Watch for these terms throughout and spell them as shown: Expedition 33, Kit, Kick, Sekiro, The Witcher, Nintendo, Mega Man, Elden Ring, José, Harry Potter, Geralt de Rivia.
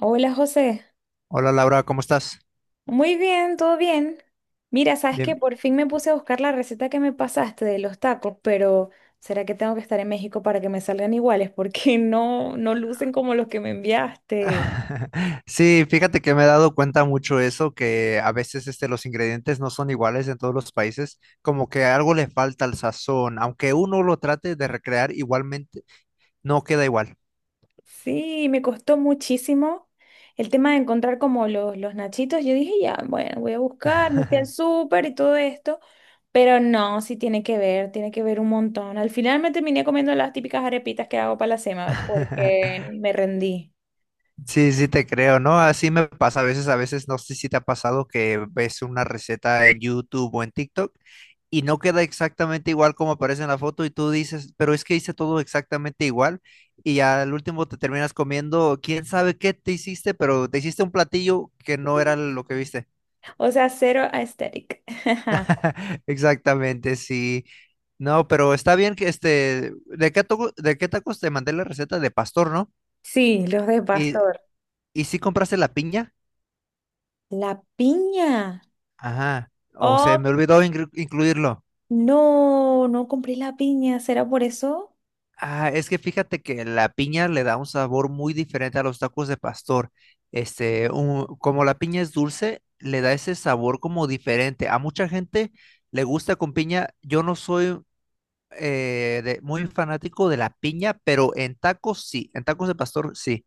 Hola José, Hola Laura, ¿cómo estás? muy bien, todo bien. Mira, sabes que Bien. por fin me puse a buscar la receta que me pasaste de los tacos, pero ¿será que tengo que estar en México para que me salgan iguales? Porque no, no lucen como los que me enviaste. Sí, fíjate que me he dado cuenta mucho eso, que a veces los ingredientes no son iguales en todos los países, como que algo le falta al sazón, aunque uno lo trate de recrear igualmente, no queda igual. Sí, me costó muchísimo el tema de encontrar como los nachitos. Yo dije, ya, bueno, voy a buscar, me fui al súper y todo esto, pero no, sí tiene que ver un montón. Al final me terminé comiendo las típicas arepitas que hago para la semana porque me rendí. Sí, sí te creo, ¿no? Así me pasa a veces. A veces no sé si te ha pasado que ves una receta en YouTube o en TikTok y no queda exactamente igual como aparece en la foto y tú dices, pero es que hice todo exactamente igual y al último te terminas comiendo quién sabe qué te hiciste, pero te hiciste un platillo que no era lo que viste. O sea, cero aesthetic. Exactamente, sí. No, pero está bien que ¿de qué tacos te mandé la receta? De pastor, ¿no? Sí, los de Y, pastor. y sí compraste la piña. La piña. Ajá. O se me Oh, olvidó incluirlo. no, no compré la piña. ¿Será por eso? Ah, es que fíjate que la piña le da un sabor muy diferente a los tacos de pastor. Como la piña es dulce, le da ese sabor como diferente. A mucha gente le gusta con piña. Yo no soy muy fanático de la piña, pero en tacos sí, en tacos de pastor sí.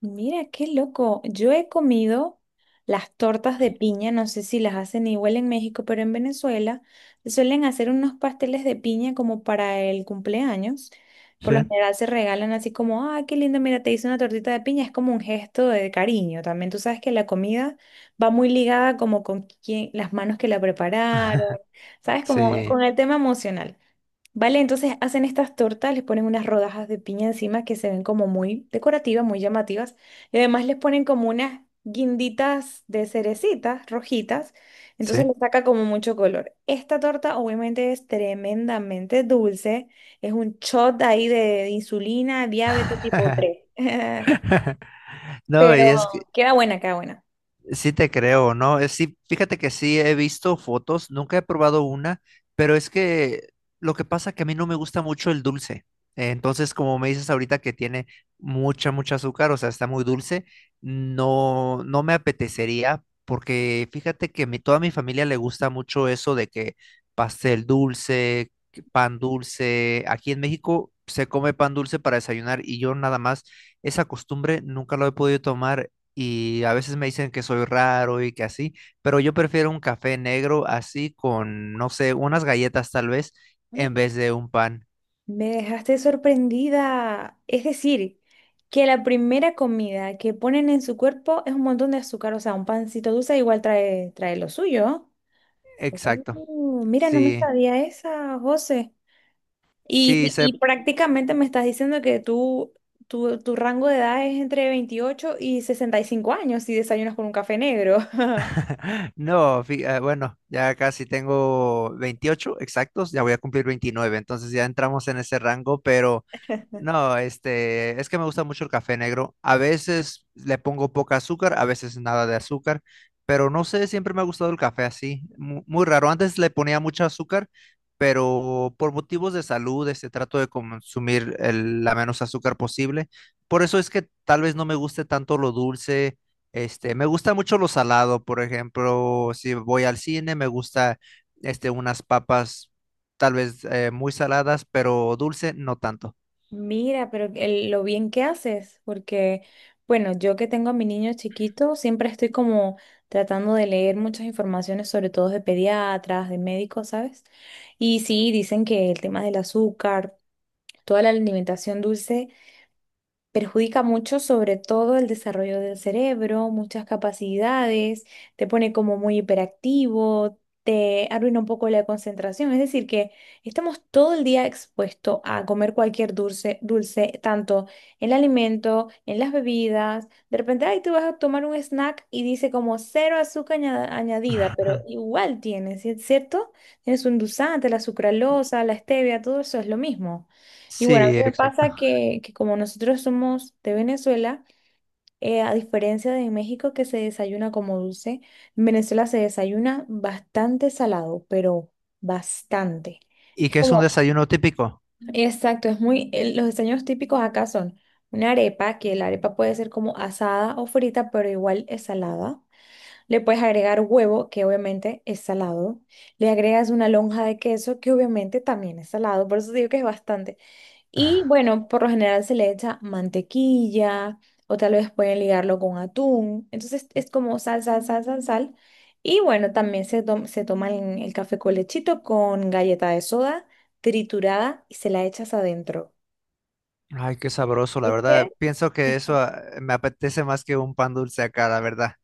Mira, qué loco. Yo he comido las tortas de piña, no sé si las hacen igual en México, pero en Venezuela suelen hacer unos pasteles de piña como para el cumpleaños. Por Sí. lo general se regalan así como, ah, qué lindo, mira, te hice una tortita de piña. Es como un gesto de cariño también. Tú sabes que la comida va muy ligada como con quién, las manos que la prepararon, ¿sabes? Como Sí, con el tema emocional. Vale, entonces hacen estas tortas, les ponen unas rodajas de piña encima que se ven como muy decorativas, muy llamativas. Y además les ponen como unas guinditas de cerecitas rojitas. Entonces sí. le saca como mucho color. Esta torta obviamente es tremendamente dulce. Es un shot ahí de insulina, diabetes tipo 3. No, Pero y es que queda buena, queda buena. Sí te creo, ¿no? Sí, fíjate que sí he visto fotos, nunca he probado una, pero es que lo que pasa que a mí no me gusta mucho el dulce. Entonces, como me dices ahorita que tiene mucha azúcar, o sea, está muy dulce, no, no me apetecería, porque fíjate que mi, toda mi familia le gusta mucho eso de que pastel dulce, que pan dulce. Aquí en México se come pan dulce para desayunar y yo nada más esa costumbre nunca lo he podido tomar y a veces me dicen que soy raro y que así, pero yo prefiero un café negro así con, no sé, unas galletas tal vez en vez de un pan. Me dejaste sorprendida. Es decir, que la primera comida que ponen en su cuerpo es un montón de azúcar, o sea, un pancito dulce igual trae, trae lo suyo. Exacto. Oh, mira, no me Sí, sabía esa, José. Y, sí, sé. y prácticamente me estás diciendo que tu rango de edad es entre 28 y 65 años si desayunas con un café negro. No, bueno, ya casi tengo 28 exactos, ya voy a cumplir 29, entonces ya entramos en ese rango, pero no, es que me gusta mucho el café negro. A veces le pongo poca azúcar, a veces nada de azúcar, pero no sé, siempre me ha gustado el café así, muy raro. Antes le ponía mucho azúcar, pero por motivos de salud, trato de consumir la menos azúcar posible. Por eso es que tal vez no me guste tanto lo dulce. Me gusta mucho lo salado. Por ejemplo, si voy al cine, me gusta unas papas tal vez muy saladas, pero dulce no tanto. Mira, pero lo bien que haces, porque, bueno, yo que tengo a mi niño chiquito, siempre estoy como tratando de leer muchas informaciones, sobre todo de pediatras, de médicos, ¿sabes? Y sí, dicen que el tema del azúcar, toda la alimentación dulce perjudica mucho sobre todo el desarrollo del cerebro, muchas capacidades, te pone como muy hiperactivo, te arruina un poco la concentración. Es decir, que estamos todo el día expuestos a comer cualquier dulce, dulce, tanto en el alimento, en las bebidas. De repente, ay, tú vas a tomar un snack y dice como cero azúcar añadida, pero igual tienes, ¿sí, cierto? Tienes un endulzante, la sucralosa, la stevia, todo eso es lo mismo. Y bueno, a Sí, mí me exacto. pasa que como nosotros somos de Venezuela, a diferencia de México que se desayuna como dulce, en Venezuela se desayuna bastante salado, pero bastante. ¿Y Es qué es un como, desayuno típico? exacto, es muy, los desayunos típicos acá son una arepa, que la arepa puede ser como asada o frita, pero igual es salada. Le puedes agregar huevo, que obviamente es salado. Le agregas una lonja de queso, que obviamente también es salado, por eso digo que es bastante. Y bueno, por lo general se le echa mantequilla o tal vez pueden ligarlo con atún. Entonces es como sal, sal, sal, sal, sal. Y bueno, también se toma el café con lechito con galleta de soda triturada y se la echas adentro. Ay, qué sabroso, la verdad. ¿Viste? Pienso que eso me apetece más que un pan dulce acá, la verdad.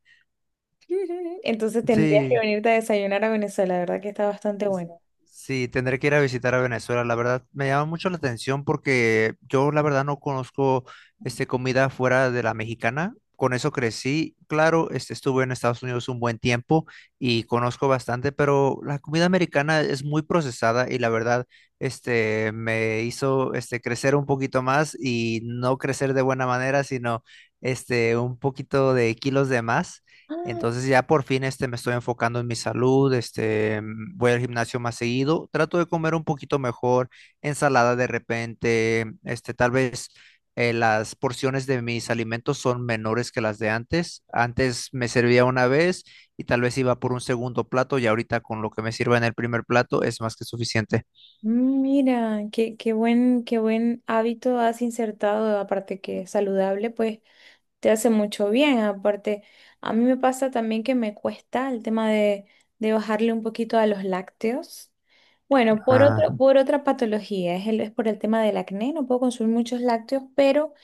Entonces tendrías que Sí. venirte a desayunar a Venezuela, la verdad que está bastante bueno. Sí, tendré que ir a visitar a Venezuela. La verdad, me llama mucho la atención porque yo la verdad no conozco comida fuera de la mexicana. Con eso crecí. Claro, estuve en Estados Unidos un buen tiempo y conozco bastante, pero la comida americana es muy procesada y la verdad, me hizo crecer un poquito más y no crecer de buena manera, sino un poquito de kilos de más. Ah, Entonces ya por fin, me estoy enfocando en mi salud. Voy al gimnasio más seguido, trato de comer un poquito mejor, ensalada de repente. Tal vez las porciones de mis alimentos son menores que las de antes. Antes me servía una vez y tal vez iba por un segundo plato y ahorita con lo que me sirva en el primer plato es más que suficiente. mira, qué buen hábito has insertado, aparte que es saludable, pues te hace mucho bien. Aparte, a mí me pasa también que me cuesta el tema de bajarle un poquito a los lácteos. Bueno, Ah. Por otra patología, es, es por el tema del acné, no puedo consumir muchos lácteos, pero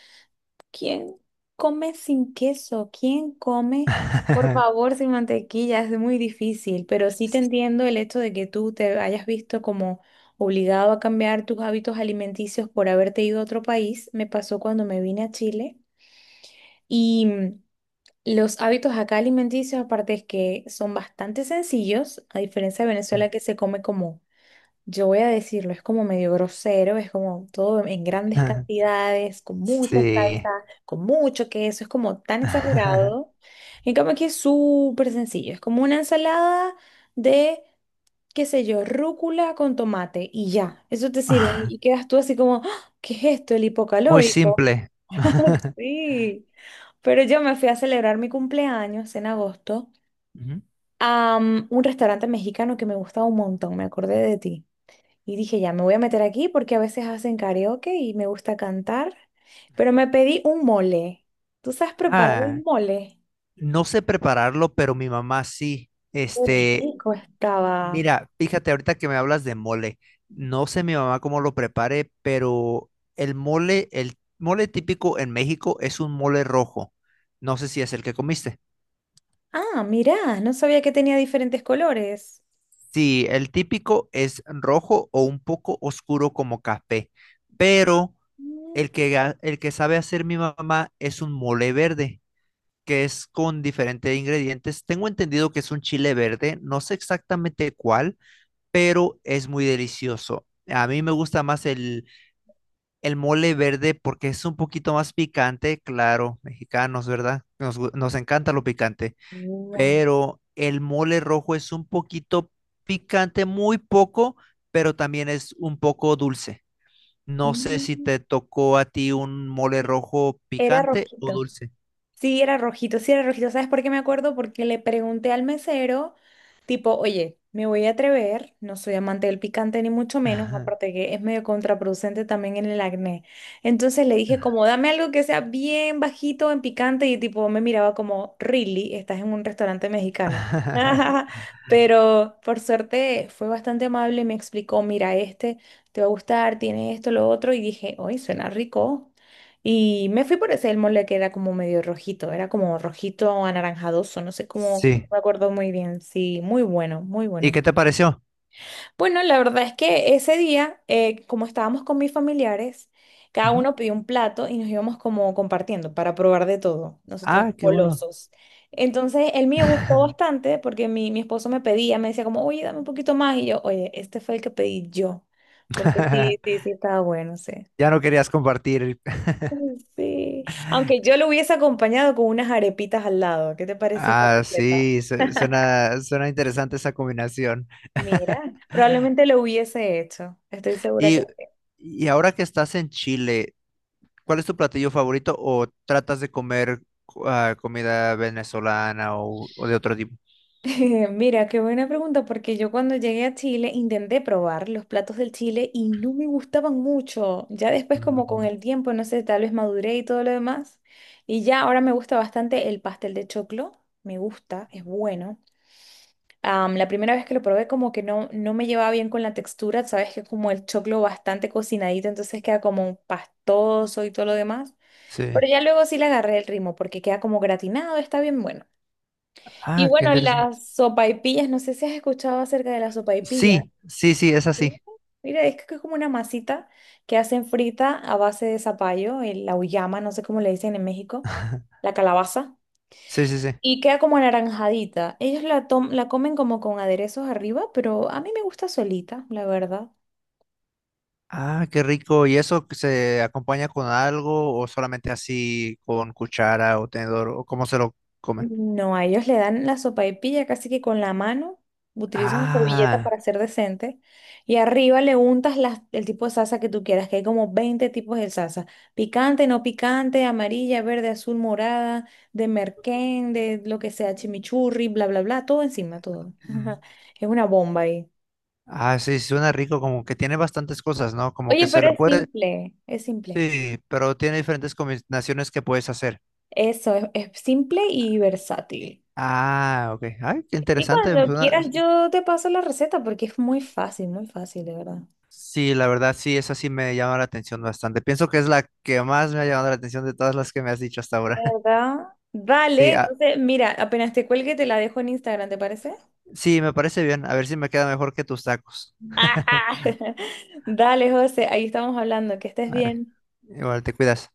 ¿quién come sin queso? ¿Quién come, por favor, sin mantequilla? Es muy difícil, pero sí te entiendo el hecho de que tú te hayas visto como obligado a cambiar tus hábitos alimenticios por haberte ido a otro país. Me pasó cuando me vine a Chile. Y los hábitos acá alimenticios, aparte es que son bastante sencillos, a diferencia de Venezuela que se come como, yo voy a decirlo, es como medio grosero, es como todo en grandes cantidades, con mucha Sí. salsa, con mucho queso, es como tan exagerado. En cambio aquí es súper sencillo, es como una ensalada de, qué sé yo, rúcula con tomate y ya, eso te sirve y quedas tú así como, "Ah, ¿qué es esto? El Muy hipocalórico". simple. Sí, pero yo me fui a celebrar mi cumpleaños en agosto Ujú. a un restaurante mexicano que me gustaba un montón, me acordé de ti. Y dije, ya me voy a meter aquí porque a veces hacen karaoke y me gusta cantar, pero me pedí un mole. ¿Tú sabes preparar Ah. un mole? No sé prepararlo, pero mi mamá sí. Qué rico estaba. Mira, fíjate ahorita que me hablas de mole. No sé mi mamá cómo lo prepare, pero el mole típico en México es un mole rojo. No sé si es el que comiste. Ah, mirá, no sabía que tenía diferentes colores. Sí, el típico es rojo o un poco oscuro como café, pero Mm. el que, el que sabe hacer mi mamá es un mole verde, que es con diferentes ingredientes. Tengo entendido que es un chile verde, no sé exactamente cuál, pero es muy delicioso. A mí me gusta más el mole verde porque es un poquito más picante. Claro, mexicanos, ¿verdad? Nos encanta lo picante, Wow. pero el mole rojo es un poquito picante, muy poco, pero también es un poco dulce. No sé si Mm. te tocó a ti un mole Sí, rojo era picante o rojito. dulce. Sí, era rojito, sí era rojito. ¿Sabes por qué me acuerdo? Porque le pregunté al mesero, tipo, oye, me voy a atrever, no soy amante del picante ni mucho menos, Ajá. aparte que es medio contraproducente también en el acné. Entonces le dije como, dame algo que sea bien bajito en picante y tipo me miraba como, really, estás en un restaurante mexicano. Pero por suerte fue bastante amable y me explicó, mira, este te va a gustar, tiene esto, lo otro, y dije, oye, suena rico. Y me fui por ese el mole que era como medio rojito, era como rojito anaranjadoso, no sé cómo, no Sí. me acuerdo muy bien. Sí, muy bueno, muy ¿Y bueno. qué te pareció? Bueno, la verdad es que ese día, como estábamos con mis familiares, cada Ujú. uno pidió un plato y nos íbamos como compartiendo para probar de todo, nosotros Ah, qué bueno. golosos. Entonces, el mío gustó bastante porque mi esposo me pedía, me decía como, oye, dame un poquito más. Y yo, oye, este fue el que pedí yo, porque sí, sí, sí, estaba bueno, sí. Ya no querías compartir. Sí, aunque yo lo hubiese acompañado con unas arepitas al lado. ¿Qué te parece esa Ah, receta? sí, suena, suena interesante esa combinación. Mira, probablemente lo hubiese hecho. Estoy segura que... Y, y ahora que estás en Chile, ¿cuál es tu platillo favorito o tratas de comer comida venezolana o de otro tipo? Mira, qué buena pregunta, porque yo cuando llegué a Chile intenté probar los platos del Chile y no me gustaban mucho. Ya después como con Ujú. el tiempo, no sé, tal vez maduré y todo lo demás. Y ya ahora me gusta bastante el pastel de choclo. Me gusta, es bueno. La primera vez que lo probé como que no, no me llevaba bien con la textura, sabes que es como el choclo bastante cocinadito, entonces queda como un pastoso y todo lo demás. Sí. Pero ya luego sí le agarré el ritmo porque queda como gratinado, está bien bueno. Y Ah, qué bueno, interesante. las sopaipillas, no sé si has escuchado acerca de las sopaipillas. Sí, sí, sí, es ¿Sí? así. Mira, es que es como una masita que hacen frita a base de zapallo, la uyama, no sé cómo le dicen en México, la calabaza. Sí, sí, sí. Y queda como anaranjadita. Ellos la comen como con aderezos arriba, pero a mí me gusta solita, la verdad. Ah, qué rico. ¿Y eso se acompaña con algo o solamente así con cuchara o tenedor o cómo se lo comen? No, a ellos le dan la sopaipilla casi que con la mano. Utilizan una servilleta Ah. para ser decente. Y arriba le untas el tipo de salsa que tú quieras, que hay como 20 tipos de salsa. Picante, no picante, amarilla, verde, azul, morada, de merquén, de lo que sea, chimichurri, bla, bla, bla. Todo encima, todo. Mm. Es una bomba ahí. Ah, sí, suena rico, como que tiene bastantes cosas, ¿no? Como que Oye, se pero lo es puede, simple, es simple. sí, pero tiene diferentes combinaciones que puedes hacer. Eso, es simple y versátil. Ah, ok. Ay, qué Y interesante. cuando Suena. quieras yo te paso la receta porque es muy fácil, de verdad. Sí, la verdad, sí, esa sí me llama la atención bastante. Pienso que es la que más me ha llamado la atención de todas las que me has dicho hasta ahora. ¿Verdad? Sí, Vale, ah, entonces mira, apenas te cuelgue te la dejo en Instagram, ¿te parece? sí, me parece bien. A ver si me queda mejor que tus tacos. Ajá. Dale, José, ahí estamos hablando, que estés Vale. bien. Igual te cuidas.